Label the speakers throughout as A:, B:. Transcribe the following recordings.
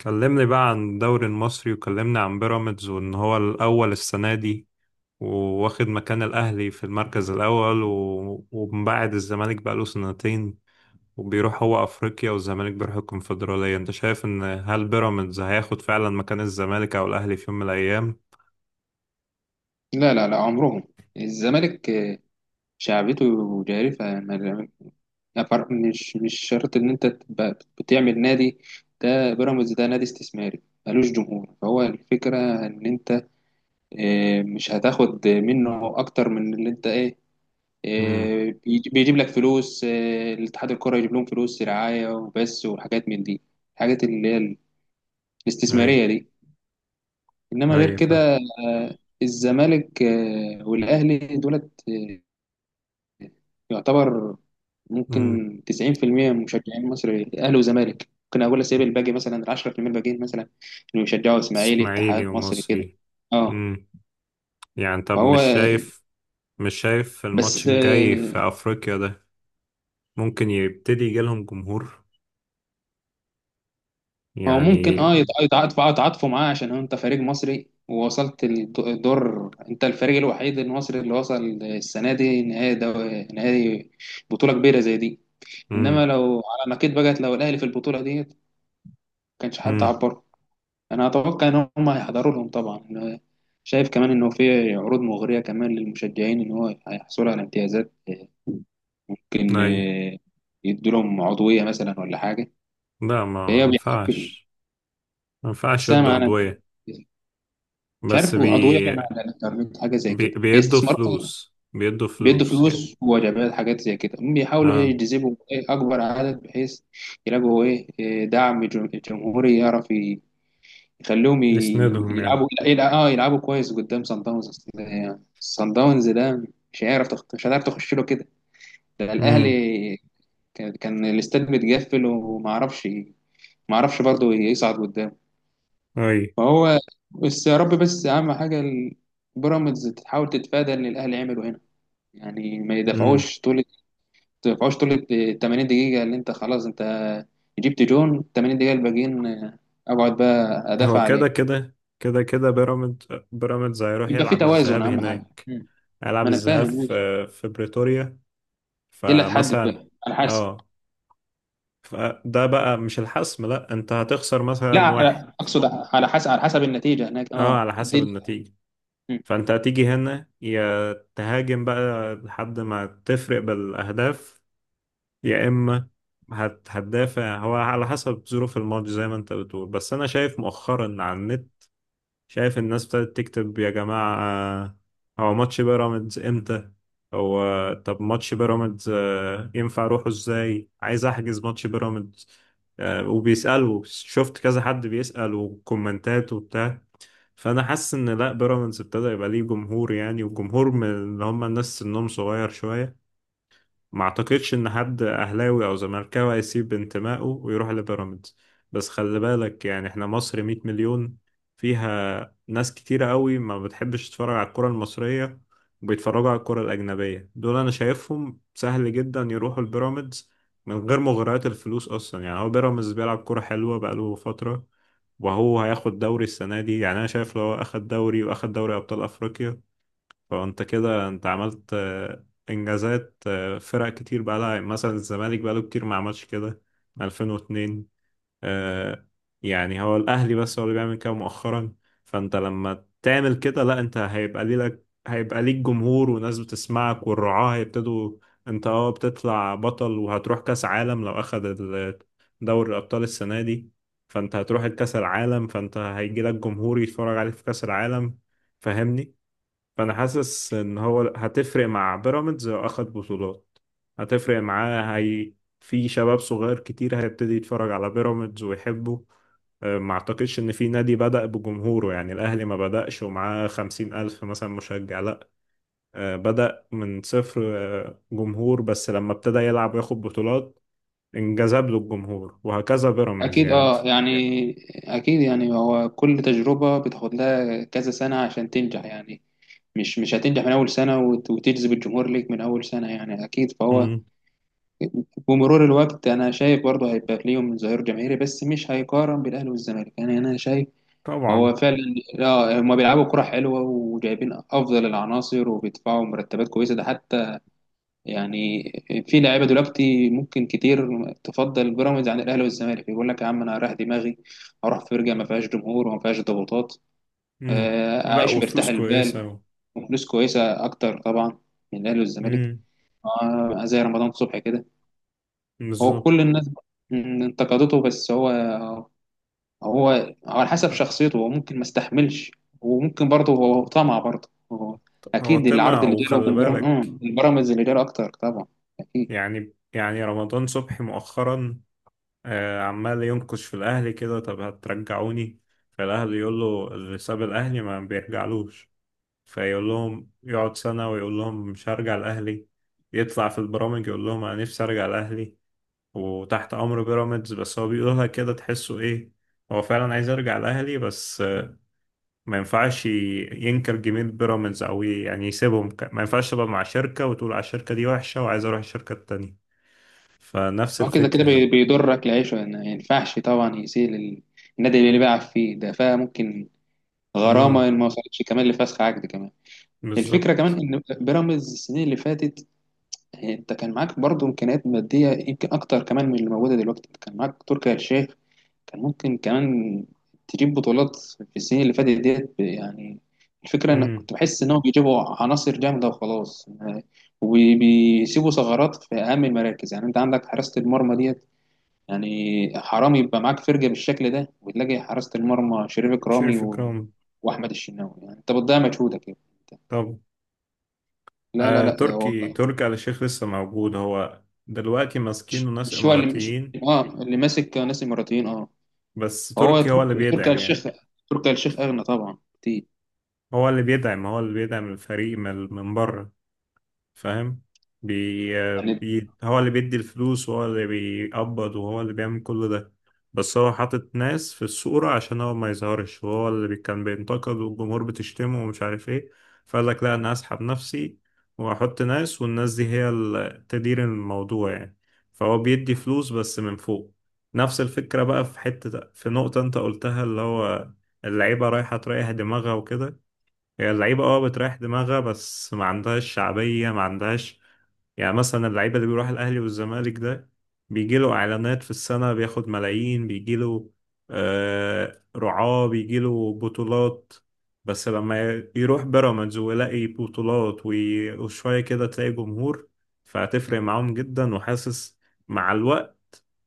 A: كلمني بقى عن الدوري المصري وكلمني عن بيراميدز وان هو الاول السنه دي وواخد مكان الاهلي في المركز الاول ومبعد الزمالك بقى له سنتين وبيروح هو افريقيا والزمالك بيروح الكونفدراليه انت شايف ان هل بيراميدز هياخد فعلا مكان الزمالك او الاهلي في يوم من الايام؟
B: لا لا لا عمرهم الزمالك شعبيته جارفة ما- ما فرق- مش مش شرط إن أنت تبقى بتعمل نادي. ده بيراميدز ده نادي استثماري ملوش جمهور، فهو الفكرة إن أنت مش هتاخد منه أكتر من اللي أنت إيه.
A: امم.
B: بيجيب لك فلوس، الاتحاد الكرة يجيب لهم فلوس رعاية وبس وحاجات من دي، الحاجات اللي هي
A: اي.
B: الاستثمارية دي. إنما غير
A: اي
B: كده
A: فاهم.
B: الزمالك والأهلي دولت يعتبر
A: امم.
B: ممكن 90% من مشجعين مصر اهلي وزمالك، ممكن اقول اسيب الباقي مثلا ال 10% الباقيين مثلا اللي بيشجعوا اسماعيلي،
A: اسماعيلي
B: اتحاد، مصري كده.
A: ومصري.
B: اه
A: امم. يعني طب
B: فهو
A: مش شايف مش شايف الماتش
B: بس
A: الجاي في افريقيا ده ممكن يبتدي يجيلهم جمهور
B: هو ممكن
A: يعني؟
B: اه يتعاطف يتعاطفوا معاه عشان هو انت فريق مصري، ووصلت الدور. انت الفريق الوحيد المصري اللي وصل السنه دي نهائي نهائي بطوله كبيره زي دي. انما
A: امم.
B: لو على ما كنت بقت، لو الاهلي في البطوله دي ما كانش حد
A: امم.
B: عبر. انا اتوقع ان هم هيحضروا لهم طبعا. أنا شايف كمان انه في عروض مغريه كمان للمشجعين، ان هو هيحصلوا على امتيازات ممكن
A: اي.
B: يدوا لهم عضويه مثلا ولا حاجه،
A: لا ما
B: فهي بيحب.
A: ينفعش، ما ينفعش يدوا
B: سامع انا
A: عضوية،
B: مش
A: بس
B: عارف عضويه بين على الانترنت حاجه زي كده،
A: بيدوا
B: استثمار
A: فلوس، بيدوا
B: بيدوا
A: فلوس يعني.
B: فلوس ووجبات حاجات زي كده. هم بيحاولوا ايه
A: اه
B: يجذبوا إيه اكبر عدد بحيث يلاقوا ايه إيه دعم جمهوري يعرف يخلوهم
A: يسندهم يعني.
B: يلعبوا اه يلعبوا كويس قدام سان داونز. أصل يعني سان داونز ده مش هيعرف تخ... مش هتعرف تخش له كده. ده الاهلي
A: امم.
B: كان الاستاد متقفل وما اعرفش، ما اعرفش برضه يصعد قدام.
A: اي.
B: فهو بس يا رب، بس اهم حاجه بيراميدز تحاول تتفادى اللي الاهلي عمله هنا. يعني ما
A: امم.
B: يدفعوش طول ما يدفعوش طول ال 80 دقيقه، اللي انت خلاص انت جبت جون، 80 دقيقه الباقيين اقعد بقى ادافع
A: هو كده
B: عليه،
A: كده كده كده بيراميدز هيروح
B: يبقى في
A: يلعب
B: توازن
A: الذهاب
B: اهم حاجه.
A: هناك، هيلعب
B: ما انا
A: الذهاب
B: فاهم ماشي،
A: في في بريتوريا
B: دي اللي هتحدد
A: فمثلا.
B: بقى على حسب.
A: اه فده بقى مش الحسم، لا انت هتخسر
B: لا
A: مثلا واحد.
B: على- اقصد على حسب، على حسب النتيجه هناك
A: اه
B: اه
A: على
B: دي
A: حسب النتيجة،
B: مم.
A: فانت هتيجي هنا يا تهاجم بقى لحد ما تفرق بالاهداف يا اما هتدافع، هو على حسب ظروف الماتش زي ما انت بتقول. بس انا شايف مؤخرا على النت شايف الناس ابتدت تكتب: يا جماعة هو ماتش بيراميدز امتى؟ هو طب ماتش بيراميدز آه، ينفع اروحه ازاي؟ عايز احجز ماتش بيراميدز آه، وبيسألوا. شفت كذا حد بيسأل وكومنتات وبتاع. فانا حاسس ان لا، بيراميدز ابتدى يبقى ليه جمهور يعني، وجمهور من اللي هم الناس سنهم صغير شويه. ما اعتقدش ان حد اهلاوي او زملكاوي هيسيب انتمائه ويروح لبيراميدز، بس خلي بالك يعني احنا مصر 100 مليون، فيها ناس كتيرة قوي ما بتحبش تتفرج على الكرة المصرية وبيتفرجوا على الكرة الأجنبية. دول أنا شايفهم سهل جدا يروحوا البيراميدز من غير مغريات الفلوس أصلا. يعني هو بيراميدز بيلعب كرة حلوة بقاله فترة، وهو هياخد دوري السنة دي. يعني أنا شايف لو هو أخد دوري وأخد دوري أبطال أفريقيا، فانت كده انت عملت آه، انجازات آه، فرق كتير بقى لها مثلا الزمالك بقى له كتير ما عملش كده. 2002 آه، يعني هو الاهلي بس هو اللي بيعمل كده مؤخرا. فانت لما تعمل كده، لا انت هيبقى ليك جمهور وناس بتسمعك والرعاة هيبتدوا. انت اه بتطلع بطل وهتروح كاس عالم لو اخد دوري الابطال السنه دي، فانت هتروح الكاس العالم، فانت هيجي لك جمهور يتفرج عليك في كاس العالم. فاهمني؟ فانا حاسس ان هو هتفرق مع بيراميدز لو اخد بطولات، هتفرق معاه هي. في شباب صغير كتير هيبتدي يتفرج على بيراميدز ويحبه. أه، ما اعتقدش ان في نادي بدأ بجمهوره، يعني الاهلي ما بدأش ومعاه خمسين الف مثلا مشجع، لا. أه، بدأ من صفر. أه، جمهور بس لما ابتدى يلعب وياخد بطولات انجذب له الجمهور، وهكذا بيراميدز
B: اكيد
A: يعني انت.
B: اه يعني اكيد يعني، هو كل تجربه بتاخد لها كذا سنه عشان تنجح يعني. مش هتنجح من اول سنه وتجذب الجمهور ليك من اول سنه يعني، اكيد. فهو
A: مم.
B: بمرور الوقت انا شايف برضه هيبقى ليهم ظهير جماهيري، بس مش هيقارن بالاهلي والزمالك يعني. انا شايف
A: طبعا.
B: هو فعلا اه هم بيلعبوا كرة حلوة وجايبين افضل العناصر وبيدفعوا مرتبات كويسة، ده حتى يعني في لعيبه دلوقتي ممكن كتير تفضل بيراميدز عن الاهلي والزمالك، يقول لك يا عم انا هريح دماغي، اروح فرقه ما فيهاش جمهور وما فيهاش ضغوطات،
A: مم. لا
B: اعيش مرتاح
A: وفلوس كويسة
B: البال وفلوس كويسه اكتر طبعا من الاهلي والزمالك.
A: مم.
B: زي رمضان صبحي كده، هو
A: بالظبط.
B: كل الناس انتقدته، بس هو على حسب شخصيته، هو ممكن ما استحملش، وممكن برضه هو طمع برضه هو.
A: هو
B: اكيد العرض
A: طمع
B: اللي جاله
A: وخلي
B: من بيراميدز،
A: بالك،
B: البيراميدز اللي جاله اكتر طبعا اكيد.
A: يعني يعني رمضان صبحي مؤخرا آه، عمال ينكش في الأهلي كده: طب هترجعوني؟ فالأهلي يقول له: اللي ساب الأهلي ما بيرجعلوش. فيقول لهم، يقعد سنة ويقول لهم مش هرجع الأهلي، يطلع في البرامج يقول لهم أنا نفسي أرجع الأهلي وتحت أمر بيراميدز. بس هو بيقولها كده تحسه إيه، هو فعلا عايز يرجع الأهلي. بس ما ينفعش ينكر جميل بيراميدز او يعني يسيبهم ما ينفعش تبقى مع شركة وتقول على الشركة دي وحشة وعايز اروح الشركة التانية. فنفس
B: هو كده كده
A: الفكرة يعني.
B: بيضرك العيشة يعني، ما ينفعش طبعا يسيء النادي اللي بيلعب فيه ده، فممكن
A: امم.
B: غرامة إن ما وصلتش كمان لفسخ عقد كمان. الفكرة كمان
A: بالظبط.
B: إن بيراميدز السنين اللي فاتت أنت كان معاك برضه إمكانيات مادية يمكن أكتر كمان من اللي موجودة دلوقتي، أنت كان معاك تركي آل الشيخ. كان ممكن كمان تجيب بطولات في السنين اللي فاتت ديت يعني. الفكرة إنك
A: امم.
B: كنت بحس إنهم بيجيبوا عناصر جامدة وخلاص، وبيسيبوا ثغرات في أهم المراكز. يعني أنت عندك حراسة المرمى ديت يعني، حرام يبقى معاك فرجة بالشكل ده وتلاقي حراسة المرمى شريف إكرامي
A: شريف إكرام.
B: وأحمد الشناوي، يعني أنت بتضيع مجهودك يعني.
A: طب
B: لا لا
A: آه،
B: لا ده هو،
A: تركي آل الشيخ لسه موجود هو دلوقتي، ماسكينه ناس
B: مش هو اللي مش...
A: إماراتيين،
B: آه اللي ماسك ناس إماراتيين آه.
A: بس
B: فهو
A: تركي هو اللي
B: تركي آل
A: بيدعم يعني.
B: الشيخ، تركي آل الشيخ أغنى طبعا كتير
A: هو اللي بيدعم، هو اللي بيدعم الفريق من بره. فاهم؟
B: يعني.
A: هو اللي بيدي الفلوس وهو اللي بيقبض وهو اللي بيعمل كل ده، بس هو حاطط ناس في الصورة عشان هو ما يظهرش. وهو اللي كان بينتقد، والجمهور بتشتمه ومش عارف ايه، فقال لك: لا انا هسحب نفسي واحط ناس، والناس دي هي اللي تدير الموضوع يعني. فهو بيدي فلوس بس من فوق. نفس الفكرة بقى في حتة، في نقطة انت قلتها اللي هو اللعيبة رايحة تريح دماغها وكده. هي اللعيبة اه بتريح دماغها بس ما عندهاش شعبية، ما عندهاش يعني. مثلا اللعيبة اللي بيروح الأهلي والزمالك ده بيجيله إعلانات في السنة بياخد ملايين، بيجيله آه رعاة، بيجيله بطولات. بس لما يروح بيراميدز ويلاقي بطولات وشوية كده تلاقي جمهور، فهتفرق معاهم جدا. وحاسس مع الوقت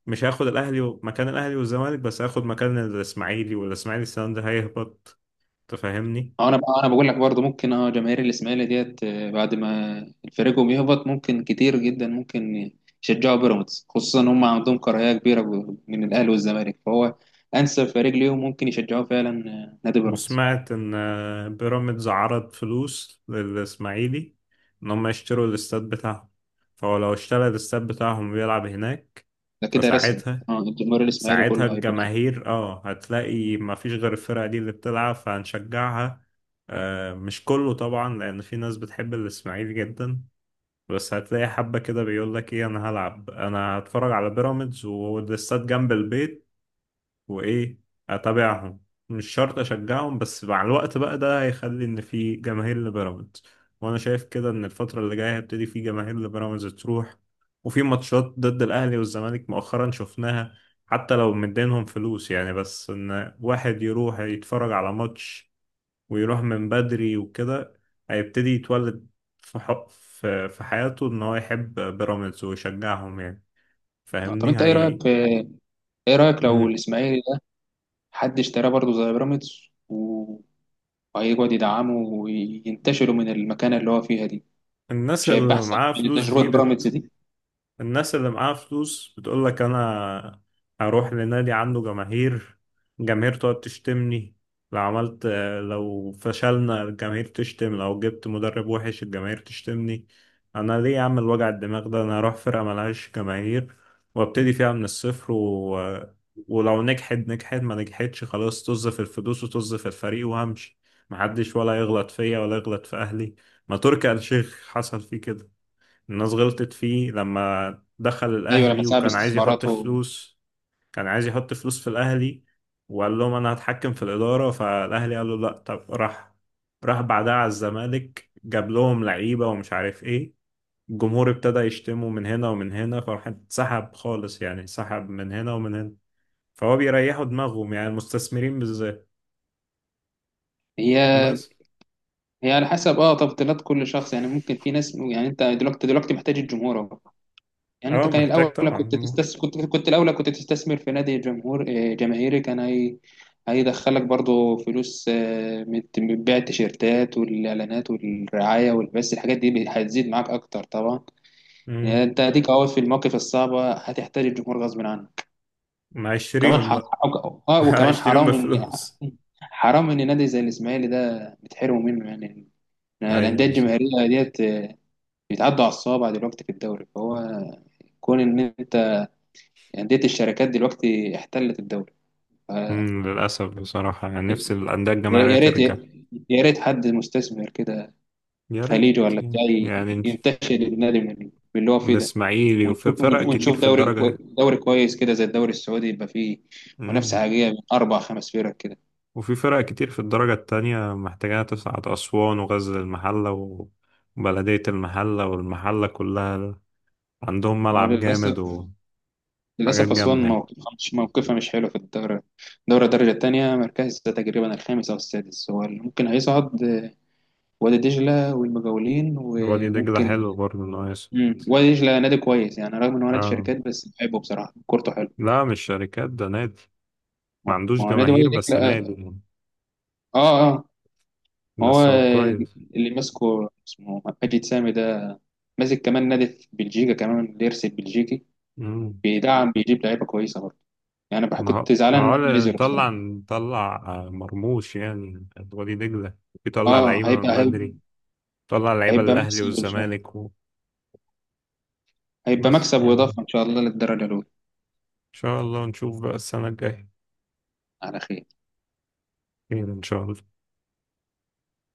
A: مش هياخد الأهلي مكان الأهلي والزمالك، بس هياخد مكان الإسماعيلي، والإسماعيلي السنة دي هيهبط. تفهمني؟
B: اه انا بقى، انا بقول لك برضو ممكن اه جماهير الاسماعيلي ديت بعد ما فريقهم يهبط، ممكن كتير جدا ممكن يشجعوا بيراميدز، خصوصا ان هم عندهم كراهيه كبيره من الاهلي والزمالك، فهو انسب فريق ليهم ممكن يشجعوه فعلا نادي بيراميدز.
A: وسمعت إن آه، بيراميدز عرض فلوس للإسماعيلي إن هم يشتروا الاستاد بتاعهم، فهو لو اشترى الاستاد بتاعهم ويلعب هناك
B: ده كده رسمي،
A: فساعتها،
B: اه الجمهور الاسماعيلي
A: ساعتها
B: كله هيبقى بيراميدز.
A: الجماهير اه هتلاقي ما فيش غير الفرقة دي اللي بتلعب فهنشجعها. آه مش كله طبعا لأن في ناس بتحب الإسماعيلي جدا، بس هتلاقي حبة كده بيقول لك ايه انا هلعب، انا هتفرج على بيراميدز والاستاد جنب البيت، وايه اتابعهم، مش شرط اشجعهم. بس مع الوقت بقى ده هيخلي ان في جماهير لبيراميدز. وانا شايف كده ان الفتره اللي جايه هيبتدي في جماهير لبيراميدز تروح، وفي ماتشات ضد الاهلي والزمالك مؤخرا شفناها. حتى لو مدينهم فلوس يعني، بس ان واحد يروح يتفرج على ماتش ويروح من بدري وكده، هيبتدي يتولد في ح- في في حياته ان هو يحب بيراميدز ويشجعهم يعني.
B: طب
A: فاهمني
B: انت ايه
A: هي؟
B: رايك، ايه رايك لو
A: مم.
B: الاسماعيلي ده حد اشتراه برضو زي بيراميدز و- وهيقعد يدعمه وينتشروا من المكانه اللي هو فيها دي،
A: الناس
B: مش هيبقى
A: اللي
B: احسن
A: معاها
B: من
A: فلوس دي،
B: تجربه بيراميدز دي؟
A: الناس اللي معاها فلوس بتقول لك: انا هروح لنادي عنده جماهير، الجماهير تقعد تشتمني لو عملت، لو فشلنا الجماهير تشتم، لو جبت مدرب وحش الجماهير تشتمني، انا ليه اعمل وجع الدماغ ده؟ انا اروح فرقة ملهاش جماهير وابتدي فيها من الصفر ولو نجحت نجحت، ما نجحتش خلاص طز في الفلوس وطز في الفريق وهمشي، محدش ولا يغلط فيا ولا يغلط في اهلي. ما تركي آل الشيخ حصل فيه كده، الناس غلطت فيه لما دخل
B: ايوه لما
A: الأهلي
B: سحب
A: وكان عايز يحط
B: استثماراته.
A: فلوس، كان عايز يحط فلوس في الأهلي وقال لهم أنا هتحكم في الإدارة، فالأهلي قال له لأ. طب راح راح بعدها على الزمالك، جاب لهم لعيبة ومش عارف إيه، الجمهور ابتدى يشتمه من هنا ومن هنا، فراح اتسحب خالص يعني، اتسحب من هنا ومن هنا. فهو بيريحوا دماغهم يعني المستثمرين بالذات.
B: هي
A: بس
B: هي على حسب اه تفضيلات كل شخص يعني، ممكن في ناس يعني، انت دلوقتي محتاج الجمهور اهو. يعني انت
A: اه
B: كان
A: محتاج
B: الاولى كنت
A: طبعا.
B: تستثمر، كنت الاولى كنت تستثمر في نادي جمهور جماهيري، كان هي هيدخلك برضو فلوس من من بيع التيشيرتات والاعلانات والرعايه والبث، الحاجات دي هتزيد معاك اكتر طبعا. يعني
A: مم.
B: انت هديك اهو في المواقف الصعبه هتحتاج الجمهور غصب عنك
A: ما
B: كمان.
A: هيشتريهم
B: ح...
A: بقى.
B: اه وكمان
A: هيشتريهم
B: حرام
A: بالفلوس.
B: حرام ان نادي زي الاسماعيلي ده بتحرموا منه يعني، الانديه
A: ايوه.
B: الجماهيريه ديت بيتعدوا على الصوابع دلوقتي في الدوري. فهو كون ان انت، انديه الشركات دلوقتي احتلت الدوري ف-
A: مم، للأسف بصراحة يعني نفسي الأندية
B: يا
A: الجماهيرية
B: يا ريت
A: ترجع.
B: يا ريت حد مستثمر كده
A: يا ريت.
B: خليجي ولا بتاع
A: يعني
B: ينتشل النادي من اللي هو فيه ده،
A: الإسماعيلي وفي
B: ونشوف،
A: فرق كتير
B: ونشوف
A: في
B: دوري
A: الدرجة.
B: دوري كويس كده زي الدوري السعودي يبقى فيه منافسه
A: مم.
B: حقيقيه من اربع خمس فرق كده.
A: وفي فرق كتير في الدرجة التانية محتاجة تصعد، أسوان وغزل المحلة وبلدية المحلة والمحلة كلها عندهم
B: ما هو
A: ملعب جامد
B: للاسف،
A: وحاجات
B: للاسف
A: جامدة
B: اسوان
A: يعني.
B: موقفها مش موقفها مش حلو في الدوري. دوري الدرجه الثانيه مركز تقريبا الخامس او السادس هو اللي ممكن هيصعد، وادي دجلة والمجاولين
A: وادي دجلة
B: وممكن.
A: حلو برضه ناقص.
B: مم. وادي دجلة نادي كويس يعني، رغم ان هو نادي
A: آه.
B: شركات بس بحبه بصراحة كورته حلو.
A: لا مش شركات، ده نادي ما
B: ما
A: عندوش
B: ما هو نادي وادي
A: جماهير، بس نادي
B: دجلة
A: يعني.
B: اه اه. ما هو
A: بس هو كويس.
B: اللي ماسكه اسمه مجيد سامي ده ماسك كمان نادي في بلجيكا كمان بيرسي بلجيكي، بيدعم بيجيب لعيبة كويسة برضه يعني
A: ما هو
B: كنت
A: ما
B: زعلان ان
A: هو
B: هم
A: لا-
B: نزلوا
A: نطلع،
B: بصراحة.
A: آه، مرموش يعني وليد دجلة، يطلع
B: اه
A: لعيبة
B: هيبقى
A: من
B: هيبقى
A: بدري، يطلع لعيبة
B: هيبقى
A: للأهلي
B: مكسب ان شاء الله،
A: والزمالك.
B: هيبقى
A: وبس
B: مكسب
A: يعني، إن
B: واضافة ان شاء الله للدرجة الاولى.
A: شاء الله نشوف بقى السنة الجاية.
B: على خير.
A: خير إن شاء الله.